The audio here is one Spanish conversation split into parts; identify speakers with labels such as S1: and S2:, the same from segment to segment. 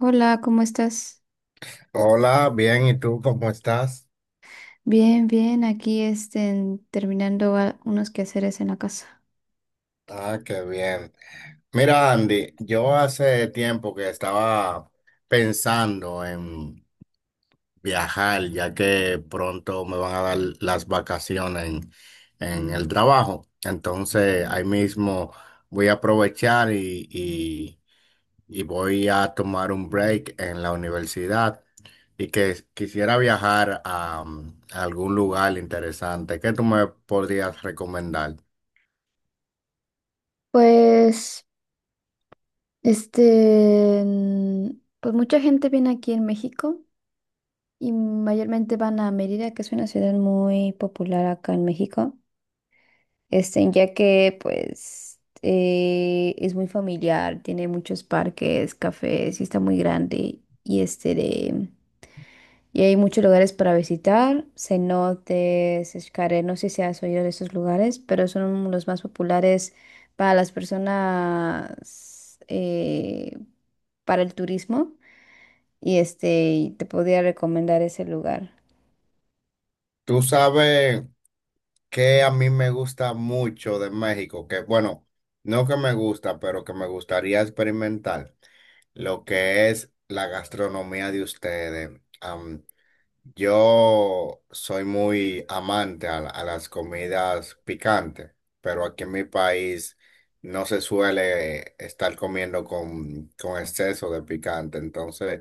S1: Hola, ¿cómo estás?
S2: Hola, bien, ¿y tú cómo estás?
S1: Bien, bien, aquí terminando unos quehaceres en la casa.
S2: Ah, qué bien. Mira, Andy, yo hace tiempo que estaba pensando en viajar, ya que pronto me van a dar las vacaciones en el trabajo. Entonces, ahí mismo voy a aprovechar y voy a tomar un break en la universidad y que quisiera viajar a a algún lugar interesante. ¿Qué tú me podrías recomendar?
S1: Pues, este, mm, pues, mucha gente viene aquí en México y mayormente van a Mérida, que es una ciudad muy popular acá en México, ya que pues es muy familiar, tiene muchos parques, cafés y está muy grande y este de Y hay muchos lugares para visitar, cenotes, escaré. No sé si has oído de esos lugares, pero son los más populares para las personas, para el turismo. Y te podría recomendar ese lugar.
S2: Tú sabes que a mí me gusta mucho de México, que bueno, no que me gusta, pero que me gustaría experimentar lo que es la gastronomía de ustedes. Yo soy muy amante a, a las comidas picantes, pero aquí en mi país no se suele estar comiendo con exceso de picante. Entonces,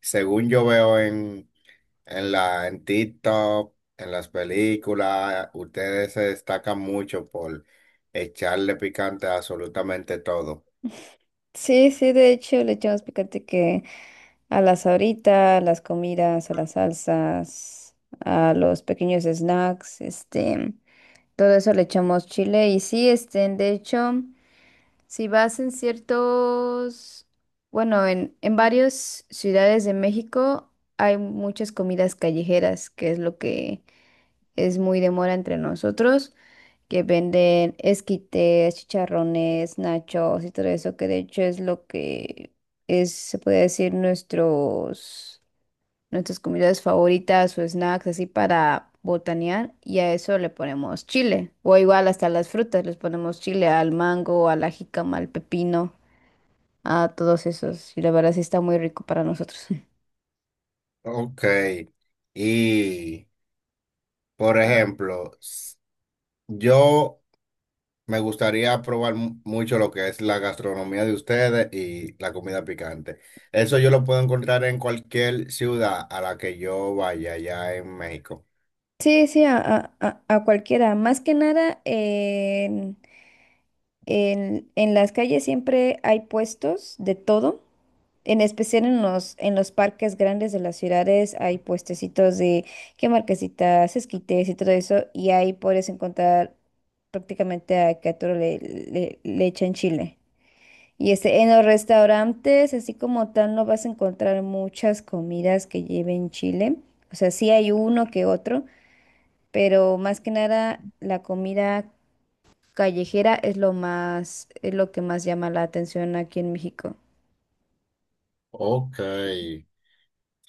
S2: según yo veo en en TikTok, en las películas, ustedes se destacan mucho por echarle picante a absolutamente todo.
S1: Sí, sí, de hecho le echamos picante que a las ahorita, a las comidas, a las salsas, a los pequeños snacks, todo eso le echamos chile. Y sí, de hecho. Si vas en ciertos, bueno, en varias ciudades de México hay muchas comidas callejeras, que es lo que es muy de moda entre nosotros, que venden esquites, chicharrones, nachos y todo eso, que de hecho es lo que es, se puede decir, nuestras comidas favoritas o snacks, así para botanear, y a eso le ponemos chile, o igual hasta las frutas, les ponemos chile al mango, a la jícama, al pepino a todos esos. Y la verdad sí está muy rico para nosotros.
S2: Ok. Y, por ejemplo, yo me gustaría probar mucho lo que es la gastronomía de ustedes y la comida picante. Eso yo lo puedo encontrar en cualquier ciudad a la que yo vaya allá en México.
S1: Sí, sí, a cualquiera. Más que nada, en las calles siempre hay puestos de todo. En especial en los parques grandes de las ciudades hay puestecitos de que marquesitas, esquites y todo eso. Y ahí puedes encontrar prácticamente a todo le echan chile. En los restaurantes, así como tal, no vas a encontrar muchas comidas que lleven chile. O sea, sí hay uno que otro, pero más que nada la comida callejera es lo más, es lo que más llama la atención aquí en México.
S2: Ok. Se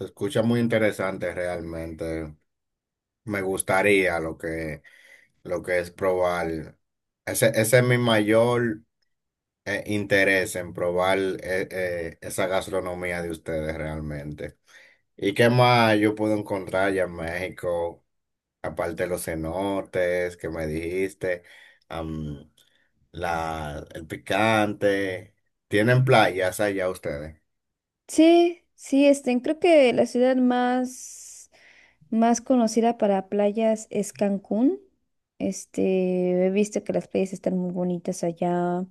S2: escucha muy interesante realmente. Me gustaría lo que es probar. Ese es mi mayor interés en probar esa gastronomía de ustedes realmente. ¿Y qué más yo puedo encontrar allá en México? Aparte de los cenotes que me dijiste, am, la, el picante. ¿Tienen playas allá ustedes?
S1: Sí, sí, creo que la ciudad más, más conocida para playas es Cancún. He visto que las playas están muy bonitas allá.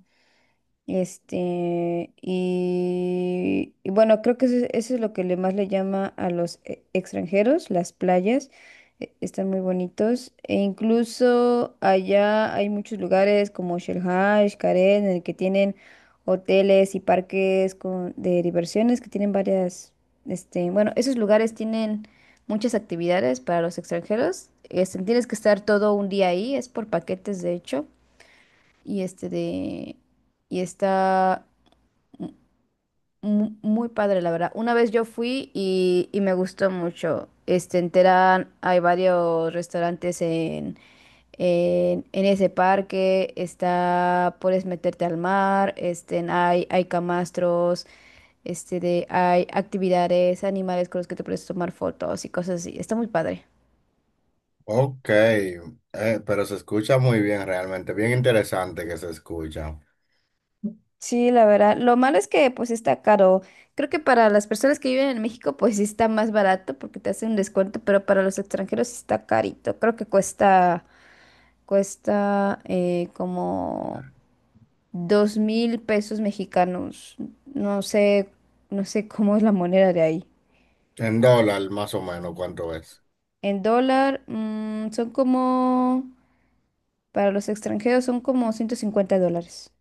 S1: Y bueno, creo que eso es lo que le más le llama a los extranjeros, las playas. Están muy bonitos. E incluso allá hay muchos lugares como Shell Haj, Karen, en el que tienen hoteles y parques con, de diversiones que tienen varias, bueno, esos lugares tienen muchas actividades para los extranjeros. Tienes que estar todo un día ahí, es por paquetes de hecho y este de... Y está muy padre, la verdad. Una vez yo fui y me gustó mucho. En Terán hay varios restaurantes en ese parque. Está, puedes meterte al mar. Hay camastros. Hay actividades, animales con los que te puedes tomar fotos y cosas así. Está muy padre.
S2: Ok, pero se escucha muy bien realmente, bien interesante que se escucha.
S1: Sí, la verdad. Lo malo es que pues está caro. Creo que para las personas que viven en México pues sí está más barato porque te hacen un descuento, pero para los extranjeros sí está carito. Creo que cuesta como 2000 pesos mexicanos. No sé, no sé cómo es la moneda de ahí.
S2: En dólar, más o menos, ¿cuánto es?
S1: En dólar, son como, para los extranjeros son como 150 dólares.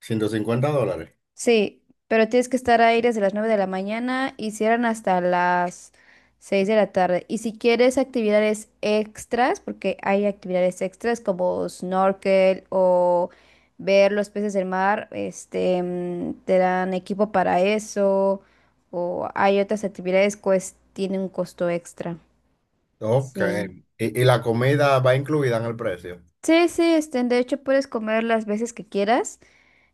S2: $150.
S1: Sí, pero tienes que estar ahí desde las 9 de la mañana y cierran hasta las 6 de la tarde. Y si quieres actividades extras, porque hay actividades extras como snorkel o ver los peces del mar, te dan equipo para eso. O hay otras actividades que tienen un costo extra.
S2: Ok.
S1: Sí.
S2: Y la comida va incluida en el precio?
S1: Sí, sí, de hecho puedes comer las veces que quieras.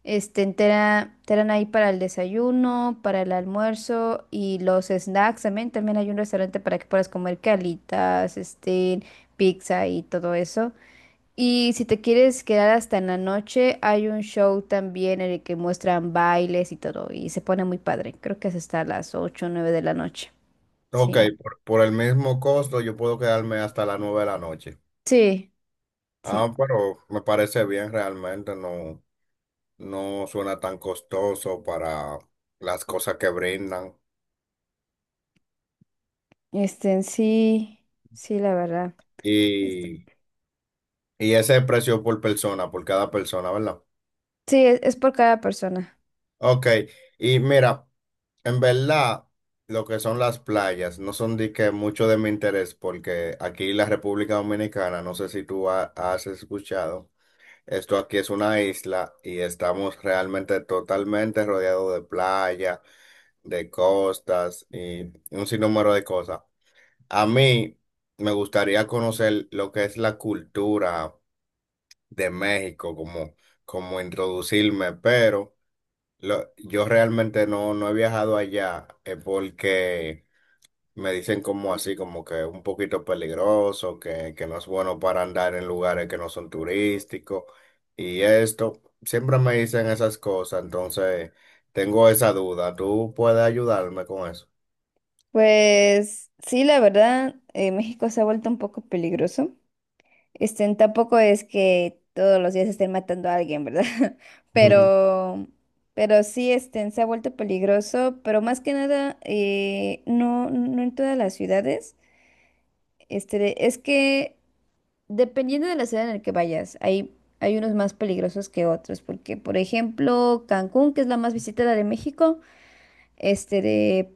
S1: Te dan ahí para el desayuno, para el almuerzo y los snacks también. También hay un restaurante para que puedas comer calitas, pizza y todo eso. Y si te quieres quedar hasta en la noche, hay un show también en el que muestran bailes y todo. Y se pone muy padre. Creo que es hasta las 8 o 9 de la noche.
S2: Ok,
S1: Sí.
S2: por el mismo costo yo puedo quedarme hasta las 9 de la noche.
S1: Sí, sí.
S2: Ah, pero me parece bien realmente, no, no suena tan costoso para las cosas que brindan.
S1: En sí, sí, la verdad. Este,
S2: Y, y ese precio por persona, por cada persona, ¿verdad?
S1: sí, es por cada persona.
S2: Ok, y mira. En verdad, lo que son las playas no son de que mucho de mi interés, porque aquí en la República Dominicana, no sé si tú has escuchado, esto aquí es una isla y estamos realmente totalmente rodeados de playa, de costas y un sinnúmero de cosas. A mí me gustaría conocer lo que es la cultura de México, como, como introducirme, pero yo realmente no, no he viajado allá porque me dicen como así, como que un poquito peligroso, que no es bueno para andar en lugares que no son turísticos y esto. Siempre me dicen esas cosas, entonces tengo esa duda. ¿Tú puedes ayudarme con eso?
S1: Pues sí, la verdad, México se ha vuelto un poco peligroso. Tampoco es que todos los días estén matando a alguien, ¿verdad?
S2: Ujú.
S1: Pero, pero sí, se ha vuelto peligroso, pero más que nada, no, no en todas las ciudades. Es que dependiendo de la ciudad en la que vayas, hay unos más peligrosos que otros, porque, por ejemplo, Cancún, que es la más visitada de México, este,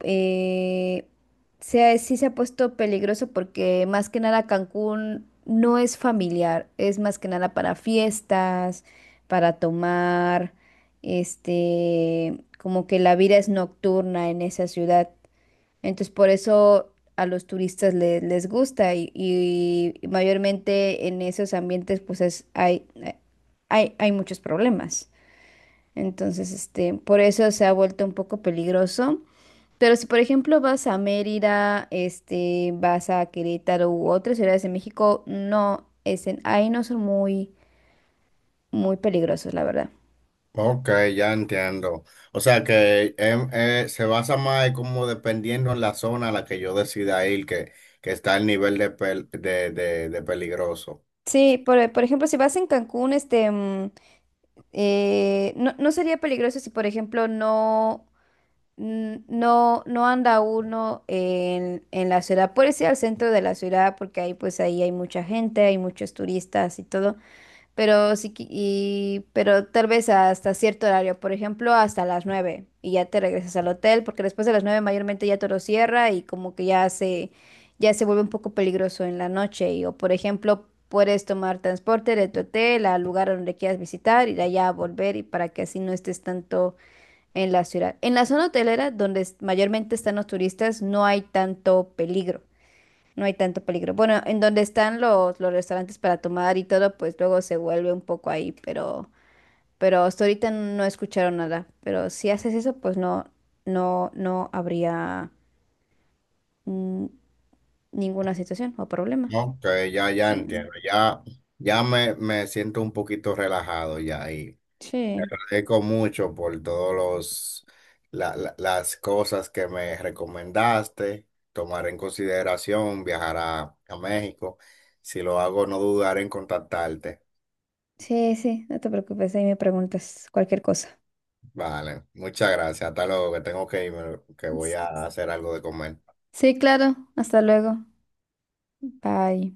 S1: eh, sí se ha puesto peligroso porque más que nada Cancún no es familiar, es más que nada para fiestas, para tomar, como que la vida es nocturna en esa ciudad. Entonces por eso a los turistas les gusta y mayormente en esos ambientes pues hay muchos problemas. Entonces, por eso se ha vuelto un poco peligroso. Pero si, por ejemplo, vas a Mérida, vas a Querétaro u otras ciudades de México, no, ahí no son muy, muy peligrosos, la verdad.
S2: Ok, ya entiendo. O sea que se basa más como dependiendo en la zona a la que yo decida ir, que está el nivel de, de peligroso.
S1: Sí, por ejemplo, si vas en Cancún, no, no sería peligroso si, por ejemplo, no anda uno en la ciudad. Puedes ir al centro de la ciudad porque ahí, pues, ahí hay mucha gente, hay muchos turistas y todo. Pero sí, pero tal vez hasta cierto horario, por ejemplo, hasta las 9 y ya te regresas al hotel, porque después de las 9 mayormente ya todo cierra y como que ya se vuelve un poco peligroso en la noche. Y, o por ejemplo, puedes tomar transporte de tu hotel al lugar donde quieras visitar ir allá a volver y para que así no estés tanto en la ciudad. En la zona hotelera, donde mayormente están los turistas, no hay tanto peligro. No hay tanto peligro. Bueno, en donde están los restaurantes para tomar y todo, pues luego se vuelve un poco ahí, pero hasta ahorita no escucharon nada. Pero si haces eso, pues no, no, no habría mm, ninguna situación o problema.
S2: Ok, ya, ya
S1: Sí,
S2: entiendo, ya, ya me siento un poquito relajado ya y te
S1: sí,
S2: agradezco mucho por todos los, las cosas que me recomendaste, tomar en consideración viajar a México. Si lo hago, no dudaré en contactarte.
S1: sí, sí, no te preocupes, ahí me preguntas cualquier cosa.
S2: Vale, muchas gracias, hasta luego, que tengo que irme, que voy
S1: S-
S2: a hacer algo de comer.
S1: Sí, claro, hasta luego. Bye.